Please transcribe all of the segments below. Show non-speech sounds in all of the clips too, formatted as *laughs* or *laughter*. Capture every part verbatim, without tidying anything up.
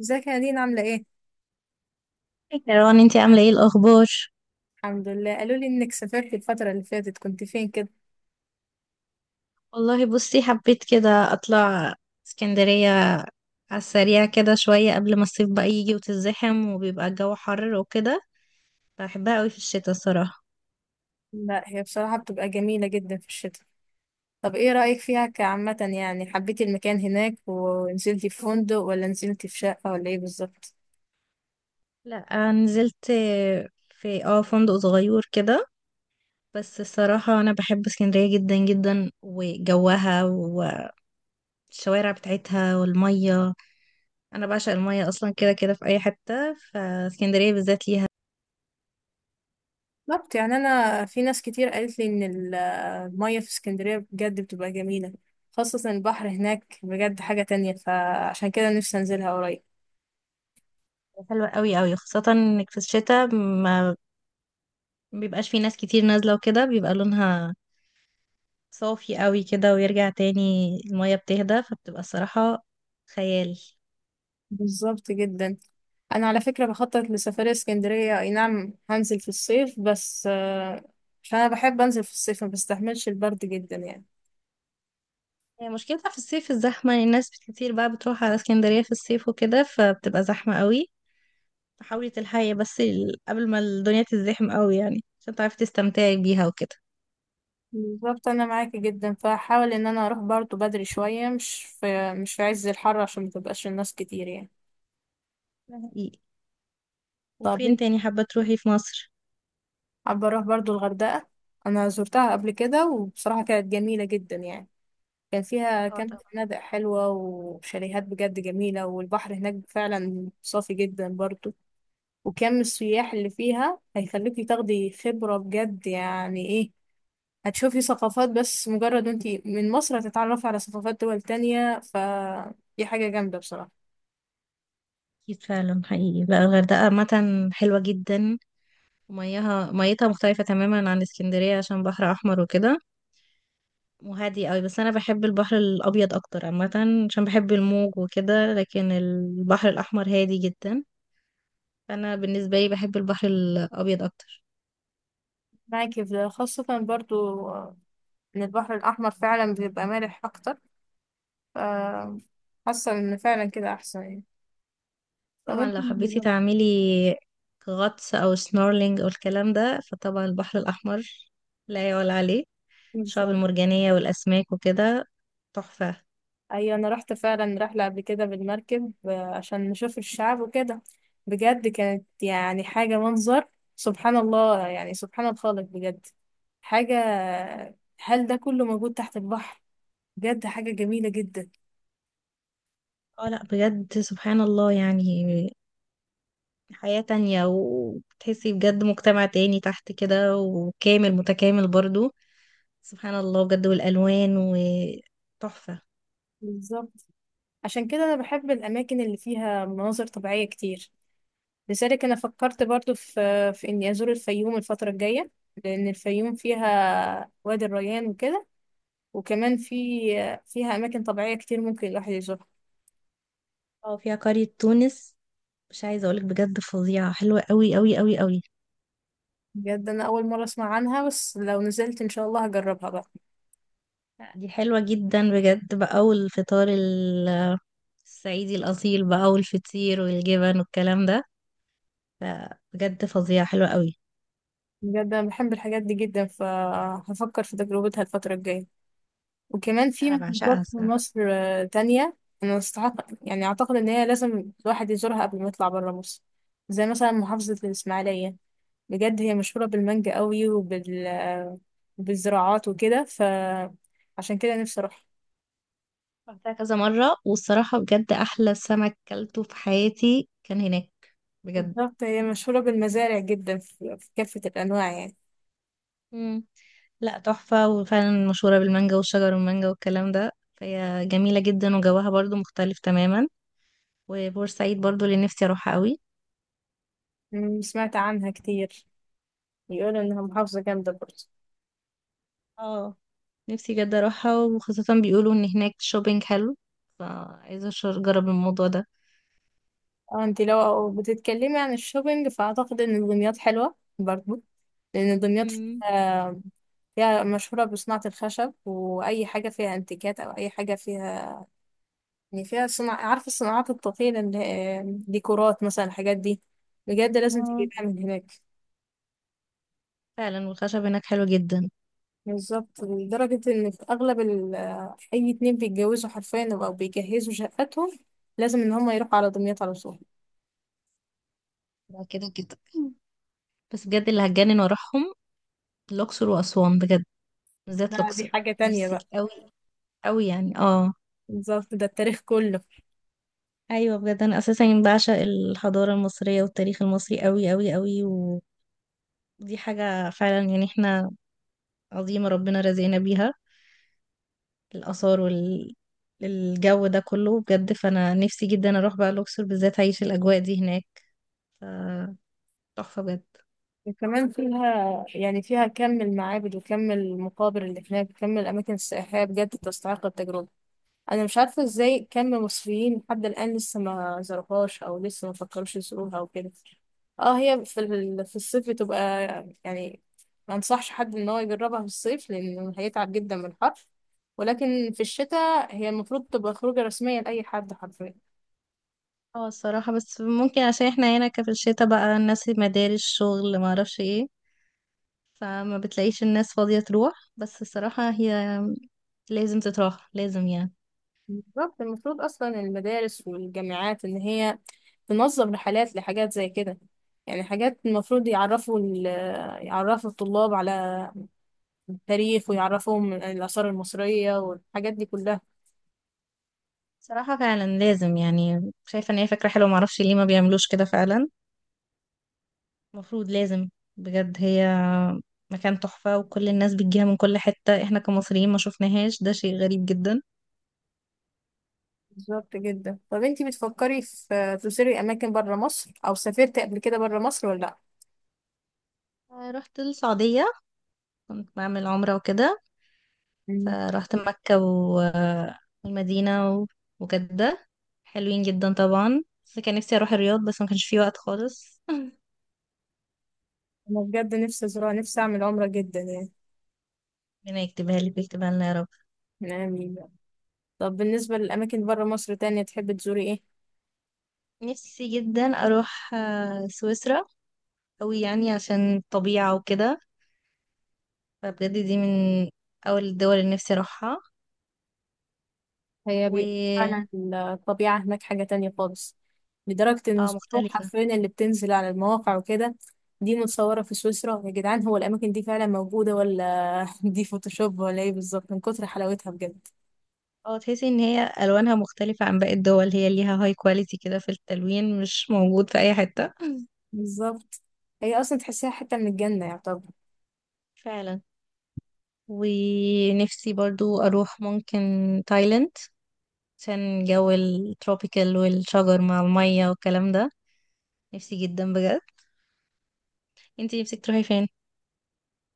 ازيك يا دينا عاملة ايه؟ مروان انتي عاملة ايه الأخبار؟ الحمد لله قالوا لي انك سافرت الفترة اللي فاتت كنت فين كده؟ والله بصي حبيت كده أطلع اسكندرية، على السريع كده شوية قبل ما الصيف بقى يجي وتزحم وبيبقى الجو حر وكده. بحبها قوي في الشتاء الصراحة. لا هي بصراحة بتبقى جميلة جدا في الشتاء. طب ايه رأيك فيها كعامة؟ يعني حبيتي المكان هناك ونزلتي في فندق ولا نزلتي في شقة ولا ايه بالظبط؟ لا نزلت في اه فندق صغير كده. بس الصراحة أنا بحب اسكندرية جدا جدا، وجوها والشوارع بتاعتها والمية. أنا بعشق المية أصلا كده كده في أي حتة، فاسكندرية بالذات ليها بالظبط. يعني انا في ناس كتير قالت لي ان ال- المية في اسكندرية بجد بتبقى جميلة، خاصة البحر هناك بجد حاجة تانية، فعشان كده نفسي انزلها قريب. حلوة قوي قوي، خاصة انك في الشتاء ما مبيبقاش في ناس كتير نازلة وكده، بيبقى لونها صافي قوي كده، ويرجع تاني المية بتهدى فبتبقى الصراحة خيال. بالظبط جدا. انا على فكره بخطط لسفريه اسكندريه، اي نعم هنزل في الصيف بس آه، عشان انا بحب انزل في الصيف، ما بستحملش البرد جدا يعني. هي مشكلتها في الصيف الزحمة، يعني الناس كتير بقى بتروح على اسكندرية في الصيف وكده فبتبقى زحمة قوي. فحاولي تلحقي بس ال- قبل ما الدنيا تزدحم قوي يعني، عشان تعرفي تستمتعي بيها وكده. بالظبط، انا معاكي جدا، فحاول ان انا اروح برضه بدري شويه، مش في مش في عز الحر، عشان ما تبقاش الناس كتير يعني. ده حقيقي. طب وفين انت، تاني حابة تروحي في مصر؟ حابه اروح برضه الغردقه. انا زرتها قبل كده وبصراحه كانت جميله جدا يعني. كان فيها اه كام طبعا. فنادق حلوه وشاليهات بجد جميله، والبحر هناك فعلا صافي جدا برضه. وكم السياح اللي فيها هيخليكي تاخدي خبرة بجد، يعني ايه، هتشوفي ثقافات. بس مجرد انتي من مصر هتتعرفي على ثقافات دول تانية، فدي حاجة جامدة بصراحة. أكيد فعلا حقيقي، لا الغردقة عامة حلوة جدا، ومياها ميتها مختلفة تماما عن اسكندرية عشان بحر أحمر وكده، وهادي قوي. بس انا بحب البحر الابيض اكتر عامه، عشان بحب الموج وكده، لكن البحر الاحمر هادي جدا، فانا بالنسبه لي بحب البحر الابيض اكتر. معاكي في ده خاصة برضو، آه، ان البحر الأحمر فعلا بيبقى مالح أكتر. ف- حاسة ان فعلا كده أحسن يعني. طبعا لو فممكن حبيتي دلوقتي- تعملي غطس او سنورلينج او الكلام ده فطبعا البحر الاحمر لا يعلى عليه. الشعاب بالظبط. المرجانيه والاسماك وكده تحفه. ايوه انا رحت فعلا رحله قبل كده بالمركب، آه، عشان نشوف الشعاب وكده. بجد كانت يعني حاجه، منظر، سبحان الله، يعني سبحان الخالق بجد. حاجه، هل ده كله موجود تحت البحر؟ بجد حاجه جميله جدا. اه لا بجد سبحان الله يعني، حياه تانية وبتحسي بجد مجتمع تاني تحت كده وكامل متكامل برضو، سبحان الله بجد، والألوان وتحفة. بالظبط. عشان كده انا بحب الاماكن اللي فيها مناظر طبيعيه كتير. لذلك انا فكرت برضو في في اني ازور الفيوم الفتره الجايه، لان الفيوم فيها وادي الريان وكده. وكمان في، فيها اماكن طبيعيه كتير ممكن الواحد يزورها. اه فيها قرية تونس، مش عايزة أقولك بجد فظيعة، حلوة قوي قوي قوي قوي. بجد انا اول مره اسمع عنها، بس لو نزلت ان شاء الله هجربها بقى. لا، دي حلوة جدا بجد بقى، والفطار ال- الصعيدي الأصيل بقى، والفطير والجبن والكلام ده، لا، بجد فظيعة حلوة قوي. بجد انا بحب الحاجات دي جدا، فهفكر في تجربتها الفتره الجايه. وكمان في أنا بعشقها محافظات في الصراحة. مصر آه، تانية. انا استحق، يعني اعتقد ان هي لازم الواحد يزورها قبل ما يطلع برا مصر، زي مثلا محافظه الاسماعيليه. بجد هي مشهوره بالمانجا قوي، وبال آه، بالزراعات وكده، فعشان كده نفسي اروحها. رحتها كذا مرة، والصراحة بجد أحلى سمك كلته في حياتي كان هناك، بجد. بالظبط هي مشهوره بالمزارع جدا، في في كافه الانواع يعني. مم. لا تحفة، وفعلا مشهورة بالمانجا والشجر والمانجا والكلام ده، فهي جميلة جدا وجوها برضو مختلف تماما. وبورسعيد برضو اللي نفسي اروحها قوي. أمم، سمعت عنها كتير. يقولوا انها محافظة جامدة برضه. اه، نفسي جدا اروحها، وخاصة بيقولوا ان هناك شوبينج حلو، فعايزة أش- اجرب الموضوع ده. اه انت لو بتتكلمي عن الشوبينج، فاعتقد ان دمياط حلوة برضه. لان دمياط مم. فيها، فيها مشهورة بصناعة الخشب، واي حاجة فيها انتيكات او اي حاجة فيها، يعني فيها صناعة، عارفة الصناعات الطفيلة اللي هي ديكورات مثلا، الحاجات دي بجد لازم اه تجيبها من هناك. فعلا، والخشب هناك حلو جدا. بالظبط، لدرجة ان في اغلب ال... اي اتنين بيتجوزوا حرفيا او بيجهزوا شقتهم، لازم ان هم يروحوا على دمياط على طول. ده كده كده. بس بجد اللي هتجنن واروحهم الاقصر واسوان بجد، بالذات لا، دي الاقصر. حاجة تانية نفسي بقى. قوي قوي يعني، اه. بالظبط، ده التاريخ كله. ايوه بجد، انا اساسا بعشق الحضاره المصريه والتاريخ المصري قوي قوي قوي، ودي حاجه فعلا يعني، احنا عظيمه ربنا رزقنا بيها، الاثار وال الجو ده كله بجد. فانا نفسي جدا اروح بقى الاقصر بالذات، اعيش الاجواء دي هناك، ف- تحفه بجد. وكمان فيها يعني فيها كم المعابد وكم المقابر اللي هناك وكم الأماكن السياحية، بجد تستحق التجربة. أنا مش عارفة إزاي كم مصريين لحد الآن لسه ما زاروهاش، أو لسه ما فكروش يزوروها أو كده. اه هي في ال- في الصيف بتبقى يعني، ما انصحش حد ان هو يجربها في الصيف لانه هيتعب جدا من الحر. ولكن في الشتاء هي المفروض تبقى خروجة رسمية لأي حد حرفيا. اه الصراحه، بس ممكن عشان احنا هنا كفي الشتا بقى الناس مدارس شغل ما اعرفش ايه، فما بتلاقيش الناس فاضيه تروح. بس الصراحه هي لازم تتراح لازم يعني. بالظبط، المفروض اصلا المدارس والجامعات ان هي تنظم رحلات لحاجات زي كده. يعني حاجات المفروض يعرفوا ال- يعرفوا الطلاب على التاريخ، ويعرفوهم الآثار المصرية والحاجات دي كلها. صراحة فعلا لازم يعني، شايفة ان هي فكرة حلوة، معرفش ليه ما بيعملوش كده فعلا، المفروض لازم. بجد هي مكان تحفة، وكل الناس بتجيها من كل حتة، احنا كمصريين ما شوفناهاش، ده شيء غريب جدا. بالظبط جدا. طب انتي بتفكري في تزوري اماكن بره مصر، او سافرتي قبل كده بره مصر ولا لا؟ آه، رحت السعودية، كنت بعمل عمرة وكده، مم. فرحت مكة و- والمدينة و- وجدة، حلوين جدا طبعا. بس كان نفسي اروح الرياض بس ما كانش في وقت خالص *laughs* انا بجد نفسي ازورها، نفسي اعمل عمرة جدا يعني، ربنا يكتبها لي ويكتبها لنا يا رب. من أيامي. طب بالنسبة للاماكن بره مصر تانية، تحبي تزوري ايه؟ نفسي جدا اروح آه، سويسرا أوي يعني، عشان الطبيعة وكده، فبجد دي من أول الدول اللي نفسي أروحها. هي و بي... فعلا الطبيعة هناك حاجة تانية خالص، لدرجة إن اه الصور مختلفة. حرفيا اللي بتنزل على المواقع وكده، دي متصورة في سويسرا يا جدعان، هو الأماكن دي فعلا موجودة، ولا *laughs* دي فوتوشوب ولا إيه بالظبط، من كتر حلاوتها بجد. اه تحسي إن هي ألوانها مختلفة عن باقي الدول، هي ليها هاي كواليتي كده في التلوين مش موجود في أي حتة. بالظبط، هي أصلا تحسيها حتة من الجنة يعتبر. فعلا. ونفسي برضو أروح ممكن تايلاند، عشان جو التروبيكال والشجر مع المية والكلام ده، نفسي جدا بجد. انتي نفسك تروحي فين؟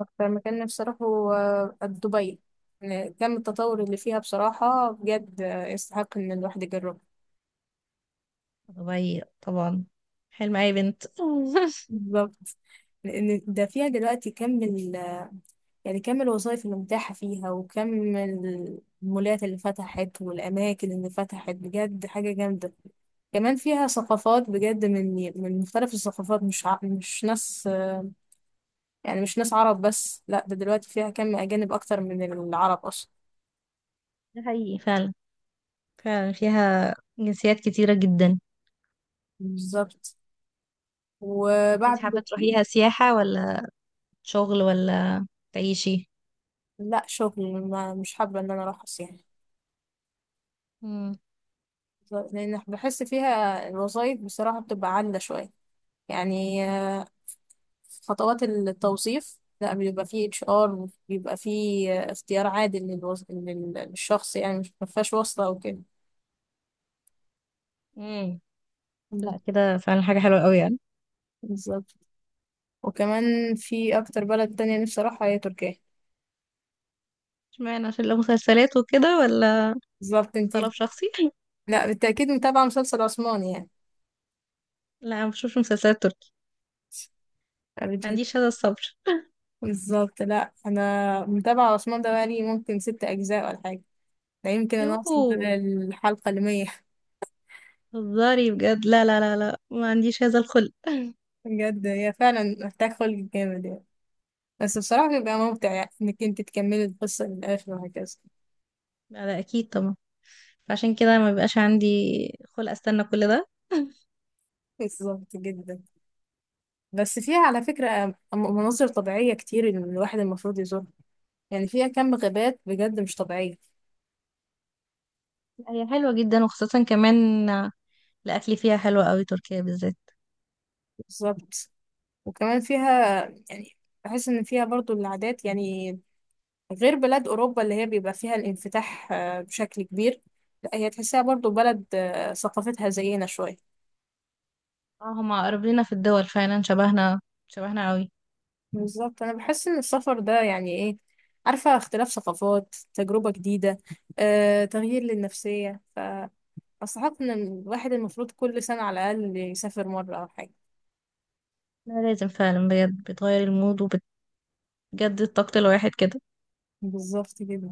أكتر مكان نفسي أروحه، آه، دبي. يعني كم التطور اللي فيها بصراحة بجد، آه، يستحق إن الواحد يجربه. دبي طبعا حلم أي بنت *laughs* بالظبط، لأن ده فيها دلوقتي كم ال، يعني كم الوظائف اللي متاحة فيها، وكم المولات اللي فتحت والأماكن اللي فتحت، بجد حاجة جامدة. كمان فيها ثقافات بجد، من من مختلف الثقافات، مش ع... مش ناس، يعني مش ناس عرب بس، لا ده دلوقتي فيها كم أجانب أكتر من العرب أصلا. ده حقيقي فعلا، فعلا فيها جنسيات كتيرة جدا. بالظبط. انت وبعد، حابة تروحيها سياحة ولا شغل ولا تعيشي؟ لا شغل ما، مش حابة إن أنا أروح يعني. مم. لأن بحس فيها الوظائف بصراحة بتبقى عالية شوية، يعني آه، خطوات التوظيف، لا بيبقى فيه اتش ار، بيبقى فيه آه، اختيار عادل للوظ... لل- للشخص، يعني مش مفيهاش واسطة او كده. مم. مم. لا كده فعلا حاجة حلوة قوي يعني. بالظبط. وكمان في اكتر بلد تانية نفسي اروحها هي تركيا. اشمعنى، عشان لو مسلسلات وكده ولا بالظبط انتي. طلب شخصي؟ *laughs* لا بالتأكيد، متابعة مسلسل عثماني يعني. لا ما بشوفش مسلسلات تركي، ما بت- عنديش هذا الصبر. بالظبط. لا انا متابعة عثمان ده بقالي ممكن ست اجزاء ولا حاجة، ده يمكن انا اوصل يوهو، على الحلقة المية *laughs* هزاري بجد، لا لا لا لا ما عنديش هذا الخلق. بجد هي فعلا محتاج خلق جامد يعني، بس بصراحة بيبقى ممتع يعني انك انت تكملي القصة للآخر وهكذا. لا لا اكيد طبعا، فعشان كده ما بيبقاش عندي خلق استنى كل ده. بالظبط جدا. بس فيها على فكرة م- مناظر طبيعية كتير، إن الواحد المفروض يزورها. يعني فيها كم غابات بجد مش طبيعية. *laughs* هي حلوة جدا، وخاصة كمان الأكل فيها حلو قوي تركيا بالذات. بالظبط. وكمان فيها يعني، بحس ان فيها برضو العادات يعني، غير بلاد اوروبا اللي هي بيبقى فيها الانفتاح آه، بشكل كبير. لا هي تحسها برضو بلد آه، ثقافتها زينا شوية. اه هما قريبينا في الدول، فعلا شبهنا شبهنا قوي. بالظبط، انا بحس ان السفر ده يعني ايه، عارفه اختلاف ثقافات، تجربه جديده، آه، تغيير للنفسيه، فاستحق ان الواحد المفروض كل سنه على الاقل يسافر مره او حاجه. لا لازم فعلا بجد، بتغير المود وبتجدد طاقة الواحد كده. بالظبط كده.